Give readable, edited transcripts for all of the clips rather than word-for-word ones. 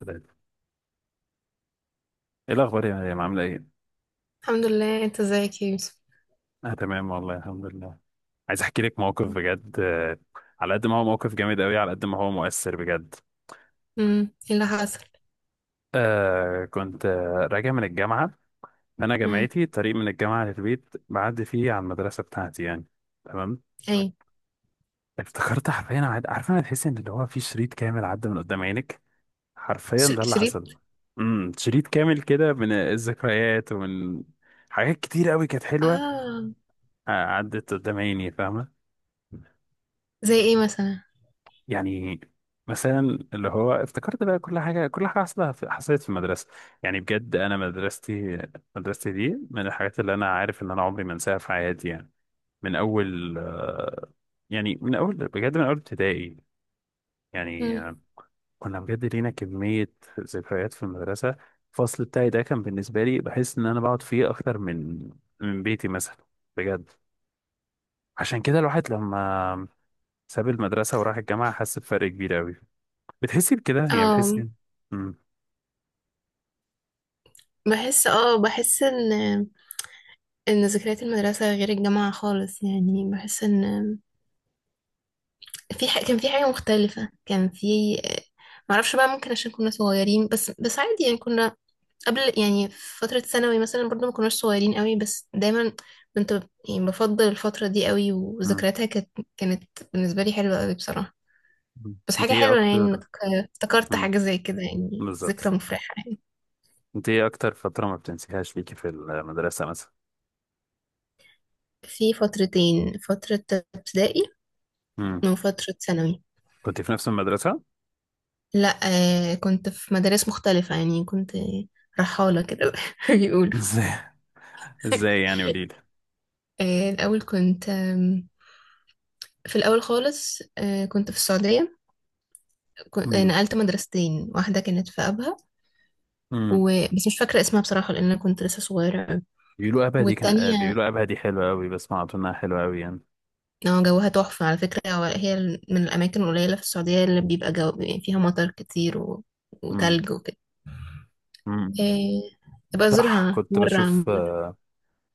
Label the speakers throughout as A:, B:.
A: ثلاثة. ايه الأخبار يا مريم، عاملة ايه؟
B: الحمد لله، انت ازيك يا يوسف؟
A: أنا تمام والله الحمد لله. عايز أحكي لك موقف بجد، على قد ما هو موقف جامد أوي، على قد ما هو مؤثر بجد.
B: ايه اللي حصل؟
A: كنت راجع من الجامعة. أنا
B: امم.
A: جامعتي، الطريق من الجامعة للبيت بعدي فيه على المدرسة بتاعتي يعني. تمام.
B: ايه؟
A: افتكرت حرفيا، عارفة، أنا تحس إن اللي هو في شريط كامل عدى من قدام عينك. حرفيا ده اللي
B: شريط؟
A: حصل. شريط كامل كده من الذكريات، ومن حاجات كتير أوي كانت حلوة.
B: اه.
A: عدت قدام عيني، فاهمة.
B: زي ايه مثلا؟
A: يعني مثلا، اللي هو افتكرت بقى كل حاجه حصلت في المدرسه. يعني بجد، انا مدرستي دي من الحاجات اللي انا عارف ان انا عمري ما انساها في حياتي يعني. من اول يعني من اول بجد، من اول ابتدائي يعني
B: امم.
A: آه، كنا بجد لينا كميه ذكريات في المدرسه. الفصل بتاعي ده كان بالنسبه لي بحس ان انا بقعد فيه اكتر من بيتي مثلا، بجد. عشان كده الواحد لما ساب المدرسه وراح الجامعه حس بفرق كبير قوي. بتحسي بكده يعني،
B: اه،
A: بتحسي. مم.
B: بحس. اه بحس ان ذكريات المدرسة غير الجامعة خالص، يعني بحس ان في ح... كان في حاجة مختلفة، كان في... معرفش بقى، ممكن عشان كنا صغيرين، بس عادي يعني. كنا قبل يعني في فترة ثانوي مثلا، برضو ما كناش صغيرين قوي، بس دايما كنت يعني بفضل الفترة دي قوي،
A: مم.
B: وذكرياتها كانت بالنسبة لي حلوة قوي بصراحة.
A: مم.
B: بس
A: انت
B: حاجة
A: ايه
B: حلوة يعني
A: اكتر.
B: انك افتكرت
A: مم.
B: حاجة زي كده، يعني
A: بالظبط.
B: ذكرى مفرحة يعني.
A: انت ايه اكتر فترة ما بتنسيهاش فيكي في المدرسة مثلا؟
B: في فترتين: فترة ابتدائي
A: مم.
B: وفترة ثانوي.
A: كنت في نفس المدرسة.
B: لا، كنت في مدارس مختلفة، يعني كنت رحالة كده بيقولوا.
A: ازاي؟ ازاي يعني، قوليلي.
B: الأول كنت في الأول خالص كنت في السعودية. كنت
A: مم.
B: نقلت مدرستين، واحدة كانت في أبها و...
A: مم.
B: بس مش فاكرة اسمها بصراحة، لأن أنا كنت لسه صغيرة أوي. والتانية
A: بيقولوا ابها دي حلوة قوي، بسمع انها حلوة قوي يعني.
B: اه، جوها تحفة على فكرة. هي من الأماكن القليلة في السعودية اللي بيبقى جو يعني فيها مطر كتير و...
A: مم.
B: وتلج وكده.
A: مم.
B: إيه... أبقى
A: صح،
B: أزورها
A: كنت
B: مرة
A: بشوف
B: عامة.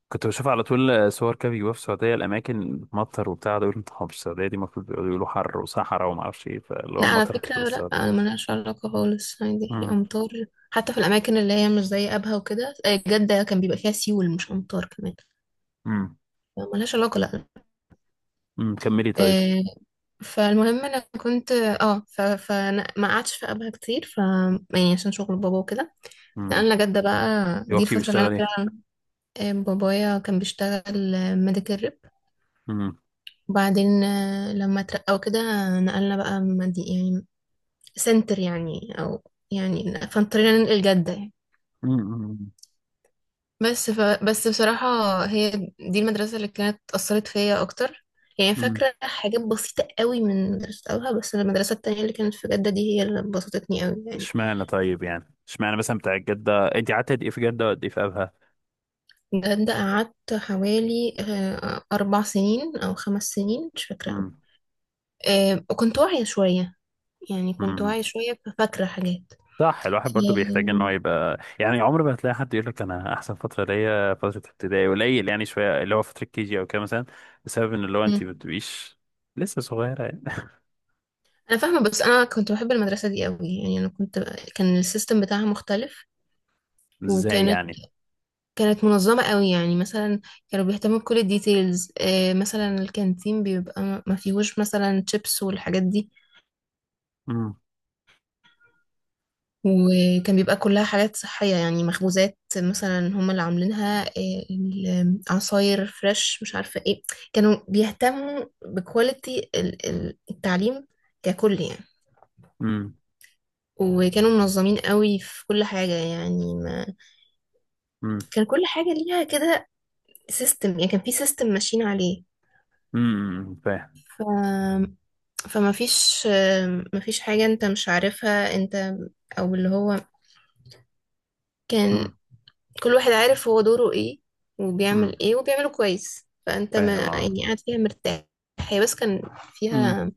A: كنت بشوف على طول، صور كده بيجيبوها في السعودية، الأماكن بتمطر وبتاع ده. يقولوا "طب في السعودية دي المفروض بيقولوا حر وصحراء وما أعرفش إيه"، فاللي هو
B: لا، على
A: مطر
B: فكرة
A: كنت
B: لا،
A: بستغرب.
B: أنا ملهاش علاقة خالص، عادي في
A: مم.
B: أمطار حتى في الأماكن اللي هي مش زي أبها وكده. جدة كان بيبقى فيها سيول مش أمطار كمان،
A: مم.
B: ملهاش علاقة لا.
A: كملي طيب.
B: إيه... فالمهم أنا كنت اه ف... فأنا ما قعدتش في أبها كتير ف يعني عشان شغل بابا وكده،
A: امم.
B: نقلنا جدة بقى. دي
A: يوكي
B: الفترة اللي أنا
A: بيشتغل ايه.
B: فيها. بابايا كان بيشتغل ميديكال ريب.
A: امم.
B: وبعدين لما اترقى وكده نقلنا بقى مدي يعني سنتر يعني، او يعني فاضطرينا ننقل جدة يعني.
A: امم.
B: بس بصراحة، هي دي المدرسة اللي كانت أثرت فيا أكتر، يعني
A: امم.
B: فاكرة حاجات بسيطة قوي من مدرسة أولها، بس المدرسة التانية اللي كانت في جدة دي هي اللي بسطتني قوي يعني.
A: اشمعنى طيب؟ يعني اشمعنى مثلا بتاع جدة؟ انت قعدت قد ايه في جدة وقد ايه في ابها؟
B: جدة قعدت حوالي 4 سنين أو 5 سنين، مش فاكرة قوي.
A: امم.
B: وكنت واعية شوية، يعني كنت
A: امم.
B: واعية شوية، ففاكرة حاجات.
A: صح، الواحد برضو بيحتاج ان هو
B: أم.
A: يبقى يعني. عمر ما هتلاقي حد يقول لك انا احسن فتره ليا فتره ابتدائي، قليل يعني، شويه اللي هو فتره كي جي او كده مثلا. بسبب ان اللي هو
B: مم.
A: انت ما بتبقيش لسه صغيره يعني.
B: أنا فاهمة، بس أنا كنت بحب المدرسة دي قوي، يعني أنا كنت. كان السيستم بتاعها مختلف،
A: ازاي
B: وكانت
A: يعني.
B: كانت منظمة قوي، يعني مثلا كانوا بيهتموا بكل الديتيلز. مثلا الكانتين بيبقى ما فيهوش مثلا شيبس والحاجات دي،
A: امم.
B: وكان بيبقى كلها حاجات صحية، يعني مخبوزات مثلا هما اللي عاملينها. العصاير فريش، مش عارفة ايه. كانوا بيهتموا بكواليتي التعليم ككل يعني،
A: امم.
B: وكانوا منظمين قوي في كل حاجة يعني. ما
A: امم.
B: كان كل حاجة ليها كده سيستم، يعني كان في سيستم ماشيين عليه.
A: امم. فاهم.
B: ف... فما فيش حاجة انت مش عارفها انت. او اللي هو كان
A: امم.
B: كل واحد عارف هو دوره ايه
A: امم.
B: وبيعمل ايه وبيعمله كويس، فانت ما
A: فاهم اه.
B: يعني قاعد فيها مرتاح. هي بس كان
A: امم.
B: فيها،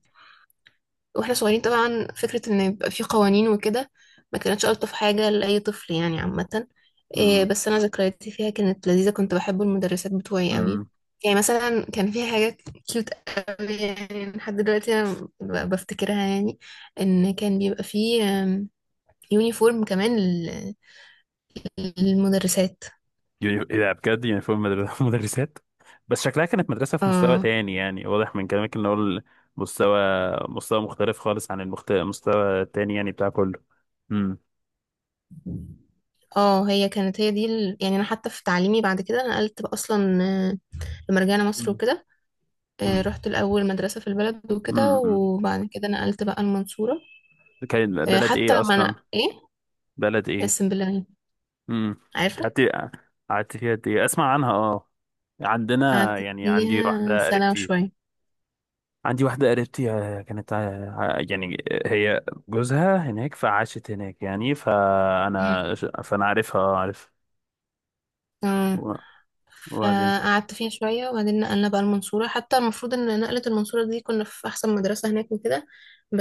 B: واحنا صغيرين طبعا فكرة ان يبقى في قوانين وكده ما كانتش الطف حاجة لأي طفل يعني عامة. إيه، بس انا ذكرياتي فيها كانت لذيذة، كنت بحب المدرسات بتوعي قوي،
A: امم.
B: يعني مثلا كان في حاجة كيوت قوي يعني، لحد دلوقتي انا بفتكرها يعني. ان كان بيبقى في يونيفورم كمان للمدرسات.
A: ايه ده؟ بجد، يونيفورم مدرسات بس شكلها كانت مدرسة في مستوى
B: اه.
A: تاني يعني، واضح من كلامك ان هو مستوى مستوى مختلف خالص عن المستوى التاني يعني بتاع كله. امم.
B: اه، هي كانت هي دي ال... يعني انا حتى في تعليمي بعد كده نقلت بقى اصلا. لما رجعنا مصر
A: مم.
B: وكده
A: امم.
B: رحت الأول مدرسة في البلد وكده،
A: امم.
B: وبعد كده نقلت بقى المنصورة.
A: كان بلد
B: حتى
A: ايه
B: لما
A: اصلا؟
B: أنا إيه
A: بلد ايه؟
B: اسم بالله يعني،
A: امم.
B: عارفة.
A: قعدت قعدت فيها قد ايه؟ اسمع عنها اه. عندنا،
B: قعدت
A: يعني عندي
B: فيها
A: واحدة
B: سنة
A: قريبتي،
B: وشوية.
A: كانت، يعني هي جوزها هناك فعاشت هناك يعني،
B: مم.
A: فأنا فأنا عارفها، اه عارف.
B: آه.
A: و- وبعدين.
B: فقعدت فيها شوية، وبعدين نقلنا بقى المنصورة. حتى المفروض إن نقلة المنصورة دي كنا في أحسن مدرسة هناك وكده،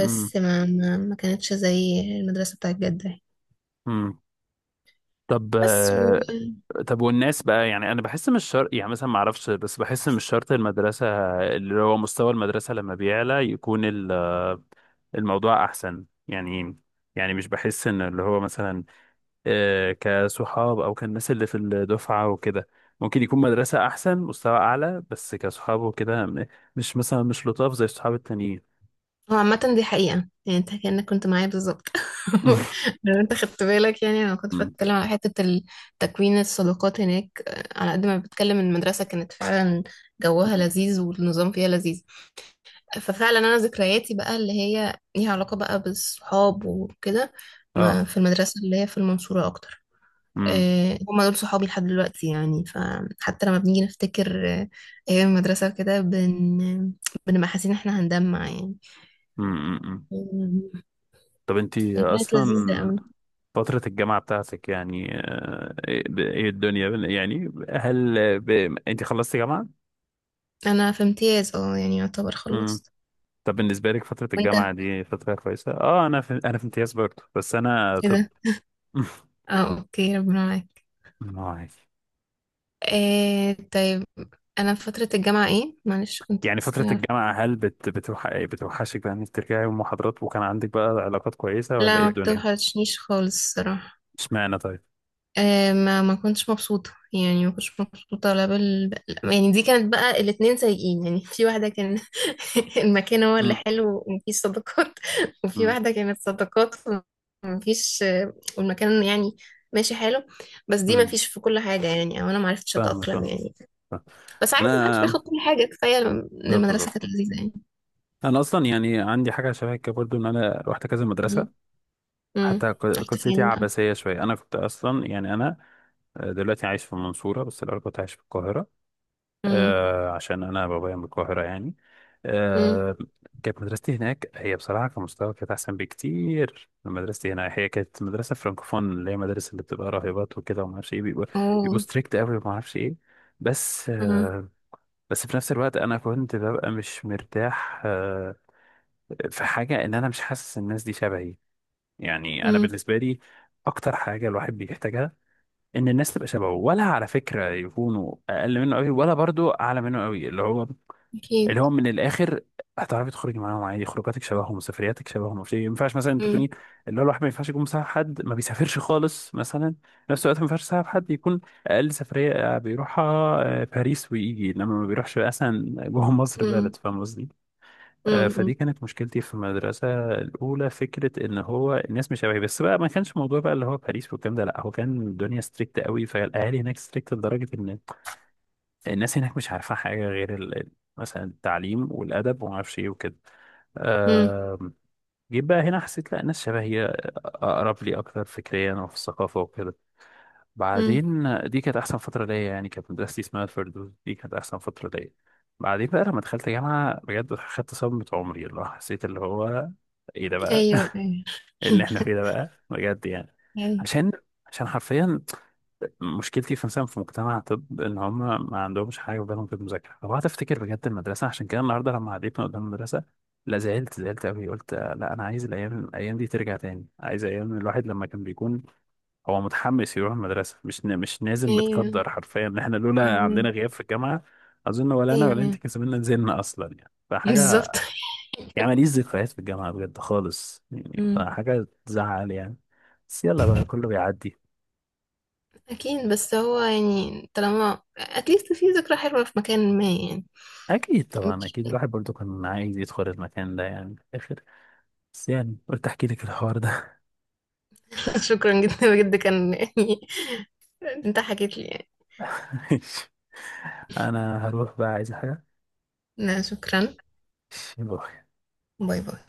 A: امم.
B: ما كانتش زي المدرسة بتاعت جدة يعني.
A: امم. طب
B: بس.
A: آه، طب والناس بقى يعني، أنا بحس مش شرط يعني مثلا، ما أعرفش، بس بحس مش شرط المدرسة، اللي هو مستوى المدرسة لما بيعلى يكون الموضوع أحسن يعني. يعني مش بحس إن اللي هو مثلا، كصحاب او كالناس اللي في الدفعه وكده، ممكن يكون مدرسه احسن، مستوى اعلى، بس كصحاب وكده، مش مثلا، مش لطاف زي الصحاب التانيين.
B: هو عامة دي حقيقة يعني، انت كأنك كنت معايا بالظبط لو انت خدت بالك يعني، انا كنت
A: مم.
B: بتكلم على حتة تكوين الصداقات هناك. على قد ما بتكلم ان المدرسة كانت فعلا جوها لذيذ والنظام فيها لذيذ، ففعلا انا ذكرياتي بقى اللي هي ليها علاقة بقى بالصحاب وكده، ما
A: اه.
B: في المدرسة اللي هي في المنصورة اكتر.
A: مم.
B: هما دول صحابي لحد دلوقتي يعني، فحتى لما بنيجي نفتكر ايام المدرسة وكده بنبقى حاسين ان احنا هنجمع
A: مم. مم. مم.
B: يعني.
A: طب انتي
B: كانت لذيذة
A: اصلا
B: أوي.
A: فترة الجامعة بتاعتك يعني، ايه، الدنيا يعني هل انتي خلصتي جامعة؟
B: أنا في امتياز اه، يعني يعتبر
A: مم.
B: خلصت.
A: طب بالنسبة لك فترة
B: وانت؟
A: الجامعة دي فترة كويسة؟ اه، انا في امتياز برضه، بس انا
B: ايه
A: طب.
B: ده؟ اه، اوكي ربنا معاك.
A: عادي.
B: إيه، طيب. أنا في فترة الجامعة ايه؟ معلش كنت
A: يعني فترة
B: بتسأل على-
A: الجامعة، هل بتوحشك بقى انك ترجعي المحاضرات، وكان عندك بقى علاقات كويسة ولا
B: لا،
A: ايه
B: ما
A: الدنيا؟
B: بتوحشنيش خالص الصراحة.
A: اشمعنى طيب؟
B: ما كنتش مبسوطة يعني، ما كنتش مبسوطة لا بال. يعني دي كانت بقى الاتنين سيئين يعني، في واحدة كان المكان هو اللي
A: مم.
B: حلو ومفيش صداقات، وفي
A: مم.
B: واحدة كانت صداقات ومفيش. والمكان يعني ماشي حلو، بس دي
A: مم.
B: مفيش في كل حاجة يعني، أو أنا معرفتش
A: فاهمك
B: أتأقلم
A: اه.
B: يعني.
A: فاهم.
B: بس عادي، محدش بياخد
A: انا،
B: كل حاجة، كفاية إن
A: بالظبط
B: المدرسة كانت
A: بالظبط،
B: لذيذة يعني.
A: انا اصلا يعني عندي حاجه شبه كده برضو، ان انا رحت كذا
B: م-
A: مدرسه.
B: م.
A: حتى
B: رحت
A: قصتي
B: فين بقى؟
A: عباسيه شويه. انا كنت اصلا يعني، انا دلوقتي عايش في المنصوره، بس الاول كنت عايش في القاهره
B: م-
A: آه عشان انا بابايا من القاهره، يعني
B: م.
A: آه كانت مدرستي هناك، هي بصراحه كمستوى كانت احسن بكتير من مدرستي هنا. هي كانت مدرسه فرانكوفون، اللي هي مدارس اللي بتبقى راهبات وكده وما اعرفش ايه، بيبقوا
B: أوه.
A: ستريكت قوي وما اعرفش ايه. بس
B: م-
A: آه بس في نفس الوقت انا كنت ببقى مش مرتاح. في حاجه ان انا مش حاسس الناس دي شبهي. يعني انا
B: م.
A: بالنسبه لي اكتر حاجه الواحد بيحتاجها، ان الناس تبقى شبهه، ولا على فكره يكونوا اقل منه قوي ولا برضو اعلى منه قوي. اللي هو،
B: أكيد.
A: من الاخر، هتعرفي تخرجي معاهم عادي، خروجاتك شبههم، سفرياتك شبههم. مش، ما ينفعش مثلا
B: م-
A: تكوني، اللي هو الواحد ما ينفعش يكون مصاحب حد ما بيسافرش خالص مثلا. في نفس الوقت ما ينفعش يصاحب حد يكون اقل سفريه بيروحها، باريس ويجي، انما ما بيروحش مثلا جوه مصر
B: م-
A: بلد، فاهم قصدي.
B: م-
A: فدي كانت مشكلتي في المدرسه الاولى، فكره ان هو الناس مش شبهي. بس بقى، ما كانش موضوع بقى اللي هو باريس والكلام ده. لا، هو كان الدنيا ستريكت قوي، فالاهالي هناك ستريكت لدرجه ان الناس هناك مش عارفة حاجة غير مثلا التعليم والأدب وما اعرفش إيه وكده
B: م.
A: آم، جيت بقى هنا، حسيت لا، الناس شبهي، أقرب لي أكتر فكريا وفي الثقافة وكده.
B: مم.
A: بعدين دي كانت أحسن فترة ليا يعني، كانت مدرستي اسمها الفردوس، دي كانت أحسن فترة ليا. بعدين بقى لما دخلت جامعة بجد، خدت صدمة عمري، اللي هو حسيت اللي هو، إيه ده بقى؟
B: ايوه، ايوه
A: إيه اللي إحنا فيه ده بقى، بجد يعني؟
B: ايوه،
A: عشان عشان حرفيا مشكلتي في مثلا في مجتمع طب، ان هم ما عندهمش حاجه في بالهم في المذاكره. لو قعدت افتكر بجد المدرسه، عشان كده النهارده لما عديتنا قدام المدرسه، لا زعلت، زعلت قوي. قلت لا، انا عايز الايام دي ترجع تاني. عايز ايام الواحد لما كان بيكون هو متحمس يروح المدرسه، مش نازل.
B: ايوه،
A: متقدر حرفيا ان احنا لولا عندنا
B: فاهمة.
A: غياب في الجامعه، اظن ولا انا
B: ايوه،
A: ولا انت
B: ايوه،
A: كان زماننا نزلنا اصلا يعني، فحاجه.
B: بالظبط.
A: يعني ماليش ذكريات في الجامعه بجد خالص يعني،
B: مم.
A: فحاجه تزعل يعني. بس يلا بقى، كله بيعدي.
B: اكيد بس هو يعني طالما اتليست في ذكرى حلوة في مكان ما يعني.
A: اكيد طبعا،
B: مش-
A: اكيد الواحد برضو كان عايز يدخل المكان ده يعني في الاخر. بس يعني، قلت احكي لك الحوار ده.
B: شكرا جدا بجد، كان يعني انت حكيت لي يعني.
A: انا هروح بقى، عايز حاجه.
B: لا، شكرا. باي باي.